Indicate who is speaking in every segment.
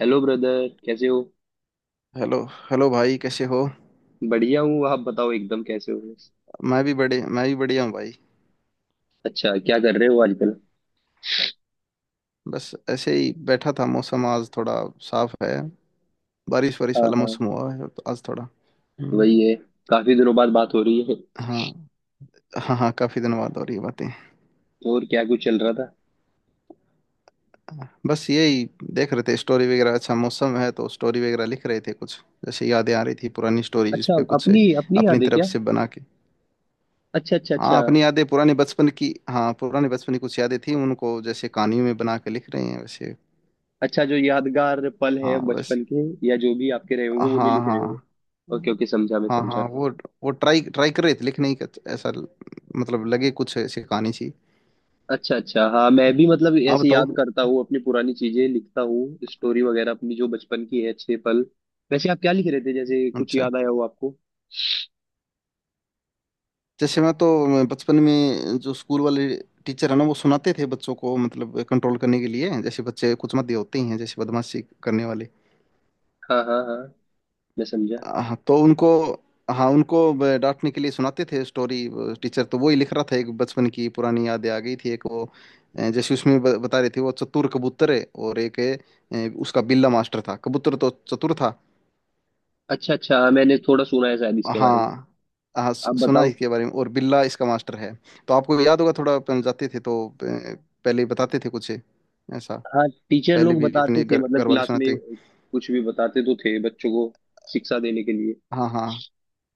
Speaker 1: Hello brother कैसे हो।
Speaker 2: Hello. Hello भाई, कैसे हो?
Speaker 1: बढ़िया हूँ आप बताओ एकदम कैसे हो।
Speaker 2: मैं भी बढ़िया हूँ भाई।
Speaker 1: अच्छा क्या कर रहे हो आजकल।
Speaker 2: बस ऐसे ही बैठा था। मौसम आज थोड़ा साफ है। बारिश वारिश
Speaker 1: हाँ
Speaker 2: वाला
Speaker 1: हाँ
Speaker 2: मौसम हुआ है तो आज थोड़ा हम्म।
Speaker 1: वही है। काफी दिनों बाद बात हो रही है।
Speaker 2: हाँ, हाँ, हाँ, काफी दिन बाद हो रही है बातें।
Speaker 1: और क्या कुछ चल रहा था।
Speaker 2: बस यही देख रहे थे, स्टोरी वगैरह। अच्छा मौसम है तो स्टोरी वगैरह लिख रहे थे कुछ, जैसे यादें आ रही थी पुरानी स्टोरी जिस
Speaker 1: अच्छा
Speaker 2: पे कुछ
Speaker 1: अपनी अपनी
Speaker 2: अपनी
Speaker 1: याद है
Speaker 2: तरफ
Speaker 1: क्या।
Speaker 2: से बना के।
Speaker 1: अच्छा अच्छा अच्छा।
Speaker 2: हाँ, अपनी यादें पुराने बचपन की, हाँ पुराने बचपन की कुछ यादें थी उनको जैसे कहानियों में बना के लिख रहे हैं वैसे।
Speaker 1: अच्छा जो यादगार पल है
Speaker 2: हाँ बस।
Speaker 1: बचपन के या जो भी आपके रहे होंगे वो नहीं
Speaker 2: हाँ,
Speaker 1: लिख रहे
Speaker 2: हाँ।
Speaker 1: होंगे। ओके
Speaker 2: हम्म।
Speaker 1: ओके समझा मैं
Speaker 2: हाँ,
Speaker 1: समझा।
Speaker 2: हाँ, वो ट्राई ट्राई कर रहे थे लेकिन नहीं कर- मतलब लगे कुछ ऐसी कहानी सी।
Speaker 1: अच्छा अच्छा हाँ मैं भी मतलब
Speaker 2: आप
Speaker 1: ऐसे
Speaker 2: बताओ।
Speaker 1: याद करता हूँ अपनी पुरानी चीजें, लिखता हूँ स्टोरी वगैरह अपनी जो बचपन की है अच्छे पल। वैसे आप क्या लिख रहे थे जैसे कुछ
Speaker 2: अच्छा,
Speaker 1: याद आया हो आपको।
Speaker 2: जैसे मैं बचपन में जो स्कूल वाले टीचर है ना वो सुनाते थे बच्चों को, मतलब कंट्रोल करने के लिए। जैसे बच्चे कुछ मत होते ही हैं, जैसे बदमाशी करने वाले।
Speaker 1: हाँ हाँ हाँ मैं समझा।
Speaker 2: हाँ तो उनको, हाँ उनको डांटने के लिए सुनाते थे स्टोरी वो टीचर। तो वही लिख रहा था, एक बचपन की पुरानी यादें आ गई थी, एक वो जैसे उसमें बता रहे थे वो चतुर कबूतर है और एक है उसका बिल्ला मास्टर था, कबूतर तो चतुर था।
Speaker 1: अच्छा अच्छा हाँ, मैंने थोड़ा सुना है शायद इसके बारे में।
Speaker 2: हाँ, हाँ,
Speaker 1: आप
Speaker 2: सुना
Speaker 1: बताओ।
Speaker 2: इसके बारे में और बिल्ला इसका मास्टर है। तो आपको याद होगा थोड़ा अपन जाते थे तो पहले ही बताते थे कुछ ऐसा।
Speaker 1: हाँ टीचर
Speaker 2: पहले
Speaker 1: लोग
Speaker 2: भी अपने
Speaker 1: बताते थे
Speaker 2: घर
Speaker 1: मतलब
Speaker 2: घर वाले
Speaker 1: क्लास में।
Speaker 2: सुनाते।
Speaker 1: कुछ भी बताते तो थे बच्चों को शिक्षा देने के लिए।
Speaker 2: हाँ, हाँ,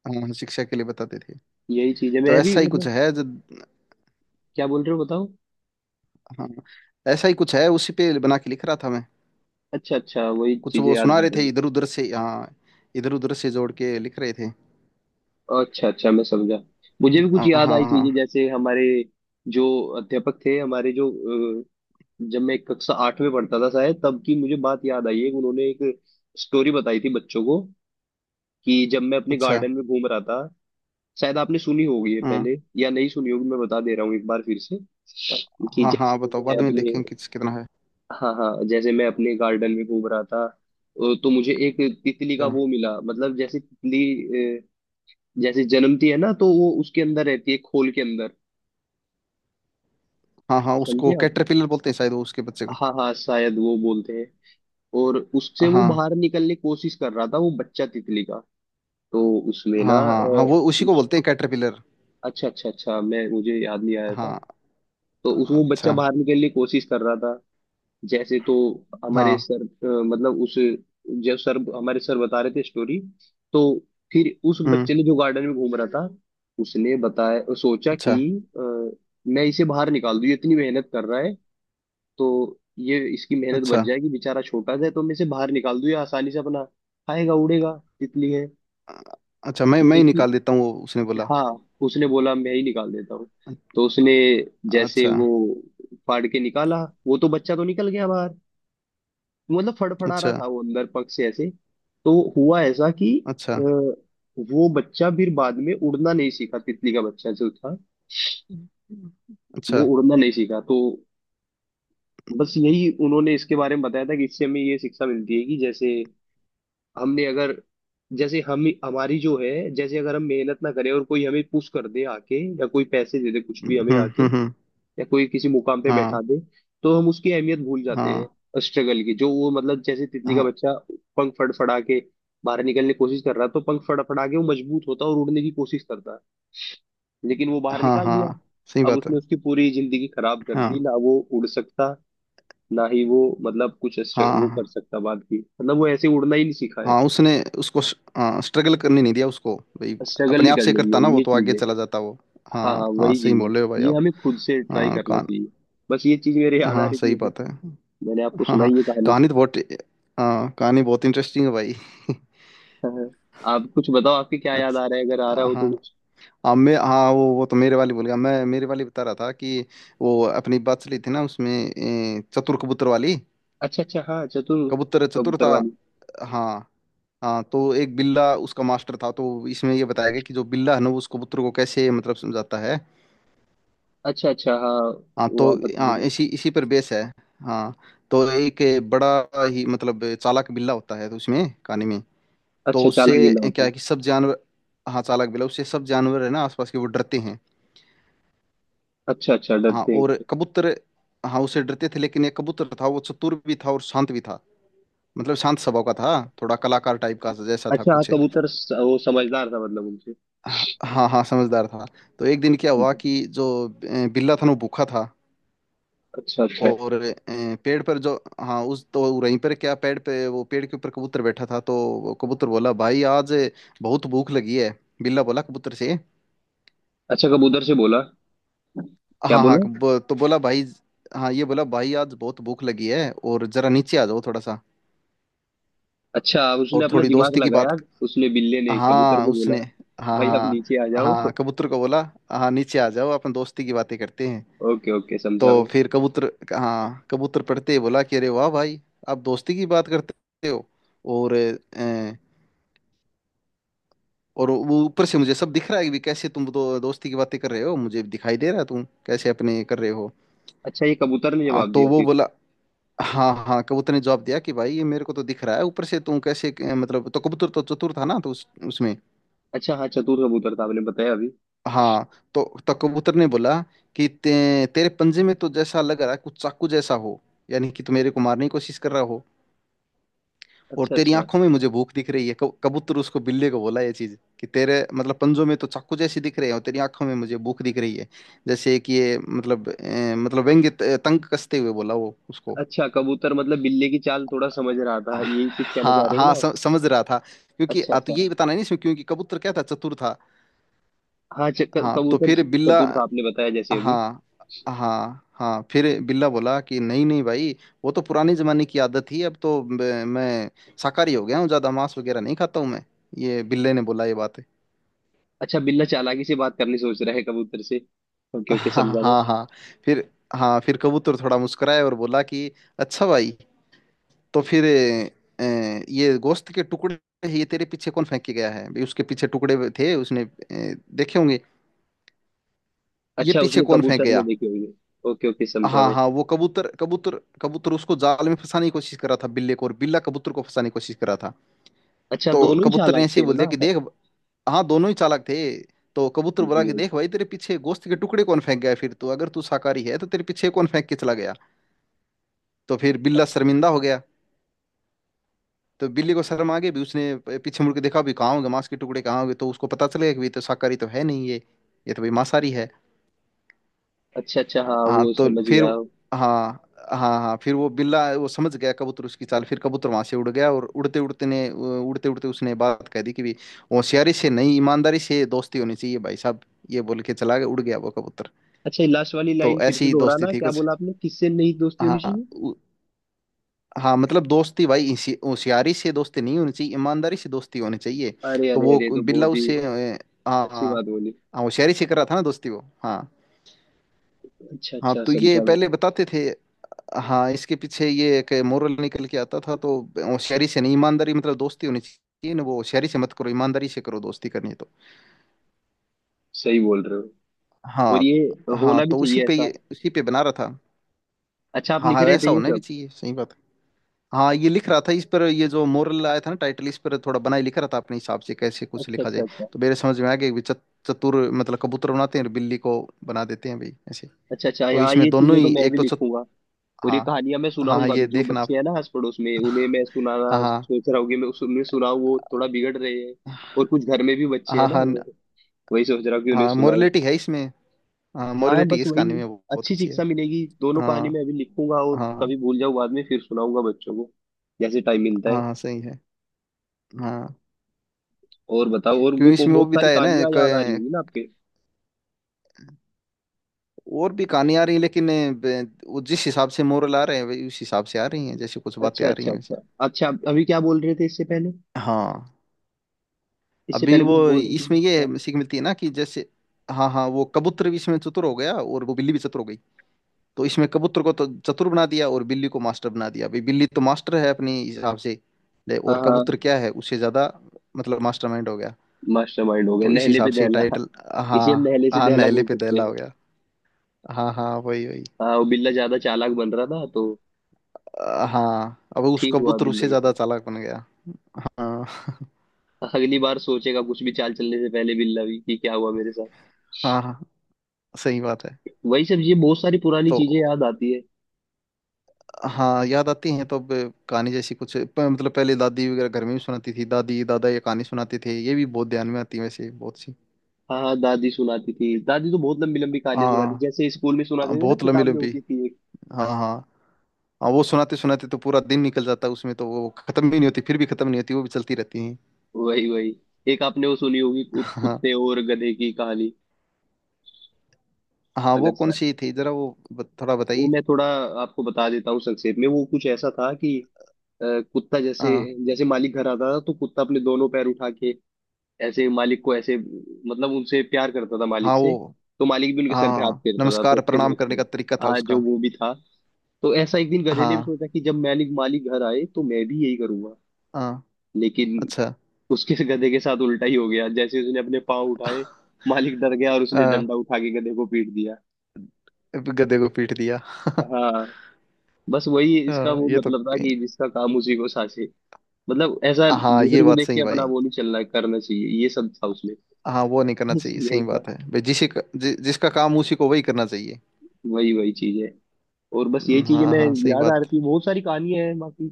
Speaker 2: हाँ, शिक्षा के लिए बताते थे।
Speaker 1: यही चीज है
Speaker 2: तो
Speaker 1: मैं भी
Speaker 2: ऐसा ही कुछ
Speaker 1: मतलब।
Speaker 2: है जो।
Speaker 1: क्या बोल रहे हो बताओ।
Speaker 2: हाँ, ऐसा ही कुछ है, उसी पे बना के लिख रहा था मैं।
Speaker 1: अच्छा अच्छा वही
Speaker 2: कुछ
Speaker 1: चीजें
Speaker 2: वो
Speaker 1: याद
Speaker 2: सुना रहे
Speaker 1: कर रहे
Speaker 2: थे
Speaker 1: हो।
Speaker 2: इधर उधर से। हाँ, इधर उधर से जोड़ के लिख रहे थे।
Speaker 1: अच्छा अच्छा मैं समझा। मुझे भी कुछ
Speaker 2: हाँ, हाँ,
Speaker 1: याद आई चीजें
Speaker 2: हाँ,
Speaker 1: जैसे हमारे जो अध्यापक थे हमारे जो अ, जब मैं कक्षा 8 में पढ़ता था शायद, तब की मुझे बात याद आई है। उन्होंने एक स्टोरी बताई थी बच्चों को कि जब मैं अपने
Speaker 2: अच्छा।
Speaker 1: गार्डन में घूम रहा था। शायद आपने सुनी होगी ये
Speaker 2: हाँ,
Speaker 1: पहले या नहीं सुनी होगी, मैं बता दे रहा हूँ एक बार फिर से। कि
Speaker 2: हाँ,
Speaker 1: जैसे
Speaker 2: हाँ,
Speaker 1: कि
Speaker 2: बताओ,
Speaker 1: मैं
Speaker 2: बाद में
Speaker 1: अपने
Speaker 2: देखें किस कितना है।
Speaker 1: हाँ हाँ, जैसे मैं अपने गार्डन में घूम रहा था तो मुझे एक तितली का
Speaker 2: अच्छा।
Speaker 1: वो मिला, मतलब जैसे तितली जैसे जन्मती है ना तो वो उसके अंदर रहती है खोल के अंदर।
Speaker 2: हाँ, हाँ, उसको
Speaker 1: समझे आप।
Speaker 2: कैटरपिलर बोलते हैं शायद, वो उसके बच्चे को।
Speaker 1: हाँ हाँ शायद वो बोलते हैं। और उससे वो
Speaker 2: हाँ,
Speaker 1: बाहर निकलने की कोशिश कर रहा था, वो बच्चा तितली का। तो उसमें ना
Speaker 2: हाँ, हाँ, हाँ, वो उसी को
Speaker 1: उस,
Speaker 2: बोलते हैं कैटरपिलर।
Speaker 1: अच्छा अच्छा अच्छा मैं मुझे याद नहीं आया था।
Speaker 2: हाँ,
Speaker 1: तो उस वो बच्चा
Speaker 2: अच्छा,
Speaker 1: बाहर निकलने की कोशिश कर रहा था जैसे। तो हमारे
Speaker 2: हाँ,
Speaker 1: सर मतलब उस, जब सर हमारे सर बता रहे थे स्टोरी। तो फिर उस
Speaker 2: हम्म,
Speaker 1: बच्चे ने जो गार्डन में घूम रहा था, उसने बताया सोचा कि
Speaker 2: अच्छा,
Speaker 1: अ, मैं इसे बाहर निकाल दूं, ये इतनी मेहनत कर रहा है तो ये इसकी मेहनत बच
Speaker 2: अच्छा,
Speaker 1: जाएगी, बेचारा छोटा सा है तो मैं इसे बाहर निकाल दूं, ये आसानी से अपना खाएगा उड़ेगा, तितली है।
Speaker 2: अच्छा, मैं ही
Speaker 1: लेकिन
Speaker 2: निकाल देता हूँ वो उसने बोला।
Speaker 1: हाँ, उसने बोला मैं ही निकाल देता हूँ। तो उसने जैसे
Speaker 2: अच्छा,
Speaker 1: वो फाड़ के निकाला, वो तो बच्चा तो निकल गया बाहर, मतलब फड़फड़ा रहा
Speaker 2: अच्छा,
Speaker 1: था वो अंदर पग से ऐसे। तो हुआ ऐसा कि
Speaker 2: अच्छा,
Speaker 1: वो बच्चा फिर बाद में उड़ना नहीं सीखा, तितली का बच्चा जो था
Speaker 2: अच्छा,
Speaker 1: वो उड़ना नहीं सीखा। तो बस यही उन्होंने इसके बारे में बताया था कि इससे हमें ये शिक्षा मिलती है कि जैसे हमने अगर जैसे हम हमारी जो है, जैसे अगर हम मेहनत ना करें और कोई हमें पुश कर दे आके, या कोई पैसे दे दे कुछ भी
Speaker 2: हम्म,
Speaker 1: हमें
Speaker 2: हम्म,
Speaker 1: आके, या कोई किसी मुकाम पे बैठा
Speaker 2: हाँ,
Speaker 1: दे, तो हम उसकी अहमियत भूल जाते
Speaker 2: हाँ,
Speaker 1: हैं स्ट्रगल की, जो वो मतलब जैसे तितली का
Speaker 2: हाँ,
Speaker 1: बच्चा पंख फड़फड़ा के बाहर निकलने की कोशिश कर रहा है, तो पंख फड़फड़ा के वो मजबूत होता है और उड़ने की कोशिश करता है। लेकिन वो बाहर
Speaker 2: हाँ,
Speaker 1: निकाल
Speaker 2: हाँ,
Speaker 1: दिया,
Speaker 2: सही
Speaker 1: अब
Speaker 2: बात है।
Speaker 1: उसने उसकी पूरी जिंदगी खराब कर दी
Speaker 2: हाँ,
Speaker 1: ना, वो उड़ सकता ना ही वो, मतलब कुछ अस्ट-
Speaker 2: हाँ,
Speaker 1: वो कर
Speaker 2: हाँ,
Speaker 1: सकता बात की, मतलब वो ऐसे उड़ना ही नहीं सीखा है।
Speaker 2: हाँ, उसने उसको स्ट्रगल करने नहीं दिया उसको भाई।
Speaker 1: स्ट्रगल
Speaker 2: अपने
Speaker 1: नहीं
Speaker 2: आप से
Speaker 1: करने
Speaker 2: करता
Speaker 1: दिया,
Speaker 2: ना वो
Speaker 1: ये
Speaker 2: तो
Speaker 1: चीज
Speaker 2: आगे
Speaker 1: है।
Speaker 2: चला जाता वो।
Speaker 1: हाँ हाँ
Speaker 2: हाँ, हाँ,
Speaker 1: वही
Speaker 2: सही
Speaker 1: चीज है,
Speaker 2: बोल रहे हो भाई
Speaker 1: ये
Speaker 2: आप।
Speaker 1: हमें खुद से ट्राई
Speaker 2: हाँ,
Speaker 1: करना
Speaker 2: कान।
Speaker 1: चाहिए। बस ये चीज मेरे याद आ
Speaker 2: हाँ,
Speaker 1: रही
Speaker 2: सही
Speaker 1: थी,
Speaker 2: बात है।
Speaker 1: मैंने आपको
Speaker 2: हाँ, हाँ,
Speaker 1: सुनाई ये कहानी।
Speaker 2: कहानी तो बहुत। हाँ, कहानी बहुत इंटरेस्टिंग है भाई।
Speaker 1: आप कुछ बताओ, आपके क्या याद आ रहा है, अगर आ
Speaker 2: अच्छा,
Speaker 1: रहा हो तो
Speaker 2: हाँ,
Speaker 1: कुछ।
Speaker 2: हाँ, मैं, हाँ, वो तो मेरे वाली बोल गया, मैं मेरे वाली बता रहा था कि वो अपनी बात चली थी ना, उसमें चतुर कबूतर वाली,
Speaker 1: अच्छा अच्छा हाँ चतुर
Speaker 2: कबूतर चतुर
Speaker 1: कबूतर
Speaker 2: था।
Speaker 1: वाली।
Speaker 2: हाँ, हाँ, तो एक बिल्ला उसका मास्टर था, तो इसमें ये बताया गया कि जो बिल्ला है ना वो उस कबूतर को कैसे मतलब समझाता है।
Speaker 1: अच्छा अच्छा हाँ,
Speaker 2: हाँ
Speaker 1: वो
Speaker 2: तो।
Speaker 1: आप बता
Speaker 2: हाँ,
Speaker 1: रहे थे।
Speaker 2: इसी इसी पर बेस है। हाँ, तो एक बड़ा ही मतलब चालाक बिल्ला होता है, तो उसमें कहानी में। तो
Speaker 1: अच्छा
Speaker 2: उससे
Speaker 1: चालाक बिल्ला होता
Speaker 2: क्या
Speaker 1: है।
Speaker 2: है कि सब जानवर। हाँ, चालाक बिल्ला, उससे सब जानवर है ना आसपास के वो डरते हैं।
Speaker 1: अच्छा अच्छा
Speaker 2: हाँ,
Speaker 1: डरते हैं
Speaker 2: और
Speaker 1: उससे।
Speaker 2: कबूतर। हाँ, उससे डरते थे लेकिन ये कबूतर था, वो चतुर भी था और शांत भी था, मतलब शांत स्वभाव का था। थोड़ा कलाकार टाइप का जैसा था
Speaker 1: अच्छा हाँ
Speaker 2: कुछ।
Speaker 1: कबूतर वो समझदार था मतलब उनसे।
Speaker 2: हाँ, हाँ, समझदार था। तो एक दिन क्या हुआ कि जो बिल्ला था ना, वो भूखा था,
Speaker 1: अच्छा अच्छा
Speaker 2: और पेड़ पर जो। हाँ, उस तो वो वहीं पर क्या, पेड़ पे वो, पेड़ के ऊपर कबूतर बैठा था, तो वो कबूतर बोला, भाई आज बहुत भूख लगी है, बिल्ला बोला कबूतर से।
Speaker 1: अच्छा कबूतर से बोला क्या
Speaker 2: हाँ, हाँ,
Speaker 1: बोला।
Speaker 2: तो बोला भाई। हाँ, ये बोला, भाई आज बहुत भूख लगी है, और जरा नीचे आ जाओ थोड़ा सा,
Speaker 1: अच्छा उसने
Speaker 2: और
Speaker 1: अपना
Speaker 2: थोड़ी
Speaker 1: दिमाग
Speaker 2: दोस्ती की
Speaker 1: लगाया,
Speaker 2: बात।
Speaker 1: उसने बिल्ले ने कबूतर
Speaker 2: हाँ
Speaker 1: को
Speaker 2: उसने।
Speaker 1: बोला
Speaker 2: हाँ,
Speaker 1: भाई आप
Speaker 2: हाँ,
Speaker 1: नीचे आ जाओ।
Speaker 2: हाँ, कबूतर को बोला, हाँ नीचे आ जाओ, अपन दोस्ती की बातें करते हैं।
Speaker 1: ओके ओके
Speaker 2: तो
Speaker 1: समझा मैं।
Speaker 2: फिर कबूतर, हाँ कबूतर पढ़ते ही बोला कि अरे वाह भाई, आप दोस्ती की बात करते हो, और अ, और वो ऊपर से मुझे सब दिख रहा है कि कैसे तुम दोस्ती की बातें कर रहे हो, मुझे दिखाई दे रहा है तुम कैसे अपने कर रहे हो।
Speaker 1: अच्छा ये कबूतर ने
Speaker 2: हाँ,
Speaker 1: जवाब
Speaker 2: तो
Speaker 1: दिया
Speaker 2: वो
Speaker 1: फिर।
Speaker 2: बोला। हाँ, हाँ, कबूतर ने जवाब दिया कि भाई ये मेरे को तो दिख रहा है ऊपर से तुम कैसे मतलब, तो कबूतर तो चतुर था ना, तो उस उसमें।
Speaker 1: अच्छा हाँ चतुर कबूतर था आपने बताया अभी।
Speaker 2: हाँ तो कबूतर ने बोला कि तेरे पंजे में तो जैसा लग रहा है कुछ चाकू जैसा हो, यानी कि तुम मेरे को मारने की कोशिश कर रहा हो, और
Speaker 1: अच्छा
Speaker 2: तेरी
Speaker 1: अच्छा
Speaker 2: आंखों में मुझे भूख दिख रही है। कबूतर उसको बिल्ली को बोला ये चीज कि तेरे मतलब पंजों में तो चाकू जैसी दिख रहे हैं और तेरी आंखों में मुझे भूख दिख रही है, जैसे कि ये मतलब मतलब व्यंग्य तंग कसते हुए बोला वो उसको।
Speaker 1: अच्छा कबूतर मतलब बिल्ली की चाल थोड़ा समझ रहा था, यही कुछ कहना
Speaker 2: हाँ,
Speaker 1: चाह रहे हो
Speaker 2: हाँ,
Speaker 1: ना आप।
Speaker 2: समझ रहा था, क्योंकि
Speaker 1: अच्छा
Speaker 2: तो
Speaker 1: अच्छा
Speaker 2: यही बताना है नहीं इसमें, क्योंकि कबूतर क्या था, चतुर था।
Speaker 1: हाँ च- क-
Speaker 2: हाँ, तो
Speaker 1: कबूतर
Speaker 2: फिर बिल्ला।
Speaker 1: चतुर था आपने बताया जैसे अभी।
Speaker 2: हाँ, हाँ, हाँ, फिर बिल्ला बोला कि नहीं नहीं भाई, वो तो पुराने जमाने की आदत थी, अब तो मैं शाकाहारी हो गया हूँ, ज्यादा मांस वगैरह नहीं खाता हूँ मैं, ये बिल्ले ने बोला ये बात।
Speaker 1: अच्छा बिल्ला चालाकी से बात करनी सोच रहा है कबूतर से। ओके ओके
Speaker 2: हाँ,
Speaker 1: समझा मैं।
Speaker 2: हाँ, हाँ, फिर। हाँ, फिर कबूतर थोड़ा मुस्कुराया और बोला कि अच्छा भाई, तो फिर अ, ये गोश्त के टुकड़े, ये तेरे पीछे कौन फेंक के गया है भाई, उसके पीछे टुकड़े थे, उसने देखे होंगे, ये
Speaker 1: अच्छा
Speaker 2: पीछे
Speaker 1: उसने
Speaker 2: कौन फेंक
Speaker 1: कबूतर ने
Speaker 2: गया।
Speaker 1: देखे होंगे। ओके ओके समझा
Speaker 2: हाँ,
Speaker 1: मैं।
Speaker 2: हाँ, वो कबूतर कबूतर कबूतर उसको जाल में फंसाने की कोशिश कर रहा था बिल्ले को, और बिल्ला कबूतर को फंसाने की कोशिश कर रहा था।
Speaker 1: अच्छा
Speaker 2: तो
Speaker 1: दोनों ही
Speaker 2: कबूतर ने
Speaker 1: चालाक
Speaker 2: ऐसे
Speaker 1: थे
Speaker 2: ही बोल दिया
Speaker 1: ना।
Speaker 2: कि देख। हाँ, दोनों ही चालाक थे। तो कबूतर बोला
Speaker 1: वही
Speaker 2: कि
Speaker 1: वही।
Speaker 2: देख भाई, तेरे पीछे गोश्त के टुकड़े कौन फेंक गया है, फिर तो अगर तू शाकाहारी है तो तेरे पीछे कौन फेंक के चला गया। तो फिर बिल्ला
Speaker 1: अच्छा
Speaker 2: शर्मिंदा हो गया, तो बिल्ली को शर्म आ गई, भी उसने पीछे मुड़ के देखा, भी कहाँ होंगे मांस के टुकड़े, कहाँ होंगे, तो उसको पता चलेगा कि भी ये तो शाकाहारी तो है नहीं ये, ये तो भाई मांसाहारी है।
Speaker 1: अच्छा अच्छा हाँ
Speaker 2: हाँ
Speaker 1: वो
Speaker 2: तो
Speaker 1: समझ
Speaker 2: फिर।
Speaker 1: गया।
Speaker 2: हाँ, हाँ, हाँ, फिर वो बिल्ला वो समझ गया कबूतर उसकी चाल, फिर कबूतर वहां से उड़ गया, और उड़ते उड़ते ने उड़ते उड़ते उसने बात कह दी कि भी होशियारी से नहीं ईमानदारी से दोस्ती होनी चाहिए भाई साहब, ये बोल के चला गया, उड़ गया वो कबूतर।
Speaker 1: अच्छा, ये लास्ट वाली
Speaker 2: तो
Speaker 1: लाइन फिर से
Speaker 2: ऐसी दोस्ती
Speaker 1: दोहराना,
Speaker 2: थी
Speaker 1: क्या
Speaker 2: कुछ।
Speaker 1: बोला आपने, किससे नहीं दोस्ती होनी
Speaker 2: हाँ,
Speaker 1: चाहिए।
Speaker 2: हाँ, मतलब दोस्ती भाई इसी- होशियारी से दोस्ती नहीं होनी चाहिए, ईमानदारी से दोस्ती होनी चाहिए।
Speaker 1: अरे
Speaker 2: तो
Speaker 1: अरे
Speaker 2: वो
Speaker 1: अरे ये तो
Speaker 2: बिल्ला
Speaker 1: बहुत ही
Speaker 2: उससे हाँ,
Speaker 1: अच्छी
Speaker 2: हाँ,
Speaker 1: बात बोली।
Speaker 2: हाँ, होशियारी से कर रहा था ना दोस्ती वो। हाँ,
Speaker 1: अच्छा
Speaker 2: हाँ,
Speaker 1: अच्छा
Speaker 2: तो ये
Speaker 1: समझा मैं।
Speaker 2: पहले बताते थे। हाँ, इसके पीछे ये एक मोरल निकल के आता था, तो होशियारी से नहीं, ईमानदारी मतलब दोस्ती होनी चाहिए ना, वो होशियारी से मत करो, ईमानदारी से करो दोस्ती करनी है तो।
Speaker 1: सही बोल रहे हो और
Speaker 2: हाँ।
Speaker 1: ये
Speaker 2: हाँ,
Speaker 1: होना भी
Speaker 2: तो उसी
Speaker 1: चाहिए
Speaker 2: पे
Speaker 1: ऐसा।
Speaker 2: ये उसी पे बना रहा था।
Speaker 1: अच्छा आप
Speaker 2: हाँ,
Speaker 1: लिख
Speaker 2: हाँ,
Speaker 1: रहे
Speaker 2: वैसा
Speaker 1: थे ये
Speaker 2: होना भी
Speaker 1: सब।
Speaker 2: चाहिए, सही बात है। हाँ, ये लिख रहा था इस पर, ये जो मोरल आया था ना, टाइटल इस पर थोड़ा बनाए लिख रहा था अपने हिसाब से, कैसे कुछ
Speaker 1: अच्छा
Speaker 2: लिखा
Speaker 1: अच्छा
Speaker 2: जाए।
Speaker 1: अच्छा।
Speaker 2: तो मेरे समझ में आ गया कि चतुर मतलब कबूतर बनाते हैं और बिल्ली को बना देते हैं भाई ऐसे।
Speaker 1: अच्छा अच्छा
Speaker 2: तो
Speaker 1: यहाँ
Speaker 2: इसमें
Speaker 1: ये
Speaker 2: दोनों
Speaker 1: चीजें तो
Speaker 2: ही
Speaker 1: मैं
Speaker 2: एक
Speaker 1: भी
Speaker 2: तो
Speaker 1: लिखूंगा, और ये
Speaker 2: हाँ,
Speaker 1: कहानियां मैं
Speaker 2: हाँ, हाँ,
Speaker 1: सुनाऊंगा भी,
Speaker 2: ये
Speaker 1: जो
Speaker 2: देखना आप।
Speaker 1: बच्चे हैं ना आस पड़ोस में उन्हें मैं सुनाना
Speaker 2: हाँ, हाँ,
Speaker 1: सोच रहा हूँ कि मैं उन्हें सुनाऊं, वो थोड़ा बिगड़ रहे हैं। और कुछ घर में भी बच्चे हैं
Speaker 2: हाँ,
Speaker 1: ना
Speaker 2: हाँ,
Speaker 1: वो, वही सोच रहा हूँ कि उन्हें
Speaker 2: हाँ,
Speaker 1: सुनाऊं।
Speaker 2: मोरलिटी है इसमें। हाँ,
Speaker 1: हाँ
Speaker 2: मोरलिटी
Speaker 1: बस
Speaker 2: इस
Speaker 1: वही,
Speaker 2: कहानी में बहुत
Speaker 1: अच्छी
Speaker 2: अच्छी है।
Speaker 1: शिक्षा मिलेगी। दोनों कहानी
Speaker 2: हाँ,
Speaker 1: मैं अभी लिखूंगा और
Speaker 2: हाँ,
Speaker 1: कभी भूल जाऊँ बाद में, फिर सुनाऊंगा बच्चों को जैसे टाइम मिलता है।
Speaker 2: हाँ, सही है। हाँ,
Speaker 1: और बताओ, और भी
Speaker 2: क्योंकि
Speaker 1: को
Speaker 2: इसमें वो
Speaker 1: बहुत
Speaker 2: भी
Speaker 1: सारी
Speaker 2: बताया ना,
Speaker 1: कहानियां याद आ रही होंगी ना आपके।
Speaker 2: और भी कहानी आ रही है लेकिन वो जिस हिसाब से मोरल आ रहे हैं वही उस हिसाब से आ रही हैं, जैसे कुछ बातें
Speaker 1: अच्छा
Speaker 2: आ रही
Speaker 1: अच्छा
Speaker 2: हैं वैसे।
Speaker 1: अच्छा। अच्छा अभी क्या बोल रहे थे इससे पहले,
Speaker 2: हाँ,
Speaker 1: इससे
Speaker 2: अभी
Speaker 1: पहले कुछ
Speaker 2: वो
Speaker 1: बोल रही थी ना।
Speaker 2: इसमें
Speaker 1: अच्छा,
Speaker 2: ये सीख मिलती है ना कि जैसे। हाँ, हाँ, वो कबूतर भी इसमें चतुर हो गया और वो बिल्ली भी चतुर हो गई, तो इसमें कबूतर को तो चतुर बना दिया और बिल्ली को मास्टर बना दिया, अभी बिल्ली तो मास्टर है अपने हिसाब से ले, और
Speaker 1: हाँ हाँ
Speaker 2: कबूतर क्या है उससे ज्यादा, मतलब मास्टरमाइंड हो गया।
Speaker 1: मास्टरमाइंड हो गया,
Speaker 2: तो इस
Speaker 1: नहले
Speaker 2: हिसाब
Speaker 1: पे
Speaker 2: से
Speaker 1: दहला।
Speaker 2: टाइटल।
Speaker 1: इसे हम
Speaker 2: हाँ,
Speaker 1: नहले से
Speaker 2: हाँ,
Speaker 1: दहला
Speaker 2: नहले
Speaker 1: बोल
Speaker 2: पे
Speaker 1: सकते
Speaker 2: दहला
Speaker 1: हैं।
Speaker 2: हो गया। हाँ, हाँ, वही वही।
Speaker 1: हाँ वो बिल्ला ज्यादा चालाक बन रहा था तो
Speaker 2: हाँ, अब उस
Speaker 1: ठीक हुआ
Speaker 2: कबूतर
Speaker 1: बिल्ले
Speaker 2: उससे
Speaker 1: के
Speaker 2: ज्यादा
Speaker 1: साथ।
Speaker 2: चालाक बन गया। हाँ।
Speaker 1: अगली बार सोचेगा कुछ भी चाल चलने से पहले बिल्ला भी, कि क्या हुआ मेरे साथ।
Speaker 2: हाँ, हाँ, सही बात है।
Speaker 1: वही सब, ये बहुत सारी पुरानी
Speaker 2: तो
Speaker 1: चीजें याद आती है।
Speaker 2: हाँ याद आती हैं, तो अब कहानी जैसी कुछ मतलब पहले दादी वगैरह घर में भी सुनाती थी, दादी दादा ये कहानी सुनाते थे, ये भी बहुत ध्यान में आती है वैसे बहुत सी।
Speaker 1: हाँ हाँ दादी सुनाती थी, दादी तो बहुत लंबी लंबी कहानियां
Speaker 2: हाँ,
Speaker 1: सुनाती, जैसे स्कूल में
Speaker 2: हाँ,
Speaker 1: सुनाते थे ना,
Speaker 2: बहुत लंबी
Speaker 1: किताब में
Speaker 2: लंबी।
Speaker 1: होती थी एक।
Speaker 2: हाँ, हाँ, हाँ, वो सुनाते सुनाते तो पूरा दिन निकल जाता है उसमें, तो वो खत्म भी नहीं होती, फिर भी खत्म नहीं होती, वो भी चलती रहती हैं।
Speaker 1: वही वही, एक आपने वो सुनी होगी कु-
Speaker 2: हाँ,
Speaker 1: कुत्ते और गधे की कहानी।
Speaker 2: हाँ, वो
Speaker 1: अगर
Speaker 2: कौन
Speaker 1: सर
Speaker 2: सी थी जरा वो थोड़ा
Speaker 1: वो
Speaker 2: बताइए।
Speaker 1: मैं थोड़ा आपको बता देता हूँ संक्षेप में, वो कुछ ऐसा था कि अ, कुत्ता जैसे,
Speaker 2: हाँ,
Speaker 1: जैसे मालिक घर आता था तो कुत्ता अपने दोनों पैर उठा के ऐसे मालिक को, ऐसे मतलब उनसे प्यार करता था मालिक
Speaker 2: हाँ,
Speaker 1: से।
Speaker 2: वो।
Speaker 1: तो मालिक भी उनके सर पे हाथ
Speaker 2: हाँ,
Speaker 1: फेरता था, तो
Speaker 2: नमस्कार
Speaker 1: अच्छे से
Speaker 2: प्रणाम करने
Speaker 1: रखते थे।
Speaker 2: का तरीका था
Speaker 1: हाँ जो
Speaker 2: उसका।
Speaker 1: वो भी था। तो ऐसा एक दिन गधे ने भी
Speaker 2: हाँ,
Speaker 1: सोचा कि जब मालिक मालिक घर आए तो मैं भी यही करूंगा।
Speaker 2: हाँ,
Speaker 1: लेकिन
Speaker 2: अच्छा।
Speaker 1: उसके से गधे के साथ उल्टा ही हो गया, जैसे उसने अपने पाँव उठाए, मालिक डर गया और उसने डंडा उठा के गधे को पीट दिया।
Speaker 2: गधे को पीट दिया।
Speaker 1: हाँ बस वही इसका
Speaker 2: हाँ,
Speaker 1: वो
Speaker 2: ये तो।
Speaker 1: मतलब था कि जिसका काम उसी को सासे, मतलब ऐसा
Speaker 2: हाँ, ये
Speaker 1: दूसरे को
Speaker 2: बात
Speaker 1: देख
Speaker 2: सही
Speaker 1: के
Speaker 2: है
Speaker 1: अपना
Speaker 2: भाई।
Speaker 1: वो नहीं चलना करना चाहिए, ये सब था उसमें।
Speaker 2: हाँ, वो नहीं करना
Speaker 1: बस
Speaker 2: चाहिए,
Speaker 1: यही
Speaker 2: सही
Speaker 1: था।
Speaker 2: बात है भाई, जिसे जिसका काम उसी को वही करना चाहिए।
Speaker 1: वही वही चीज है, और बस यही चीजें
Speaker 2: हाँ,
Speaker 1: मैं
Speaker 2: हाँ, सही
Speaker 1: याद आ
Speaker 2: बात।
Speaker 1: रही थी, बहुत सारी कहानियां हैं बाकी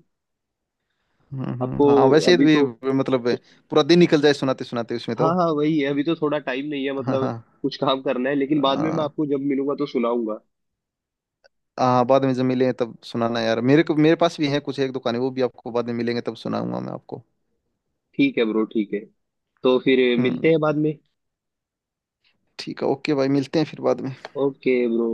Speaker 2: हम्म,
Speaker 1: आपको,
Speaker 2: हाँ, वैसे
Speaker 1: अभी
Speaker 2: भी
Speaker 1: तो
Speaker 2: मतलब पूरा दिन निकल जाए सुनाते सुनाते उसमें तो।
Speaker 1: हाँ हाँ वही है, अभी तो थोड़ा टाइम नहीं है
Speaker 2: हाँ,
Speaker 1: मतलब,
Speaker 2: हाँ,
Speaker 1: कुछ काम करना है, लेकिन बाद में मैं
Speaker 2: हाँ।
Speaker 1: आपको जब मिलूंगा तो सुनाऊंगा।
Speaker 2: हाँ, बाद में जब मिले तब सुनाना यार मेरे को, मेरे पास भी है कुछ एक दुकानें, वो भी आपको बाद में मिलेंगे तब सुनाऊंगा मैं आपको।
Speaker 1: ठीक है ब्रो ठीक है, तो फिर मिलते
Speaker 2: हम्म
Speaker 1: हैं बाद में।
Speaker 2: ठीक है, ओके भाई, मिलते हैं फिर बाद में।
Speaker 1: Okay bro.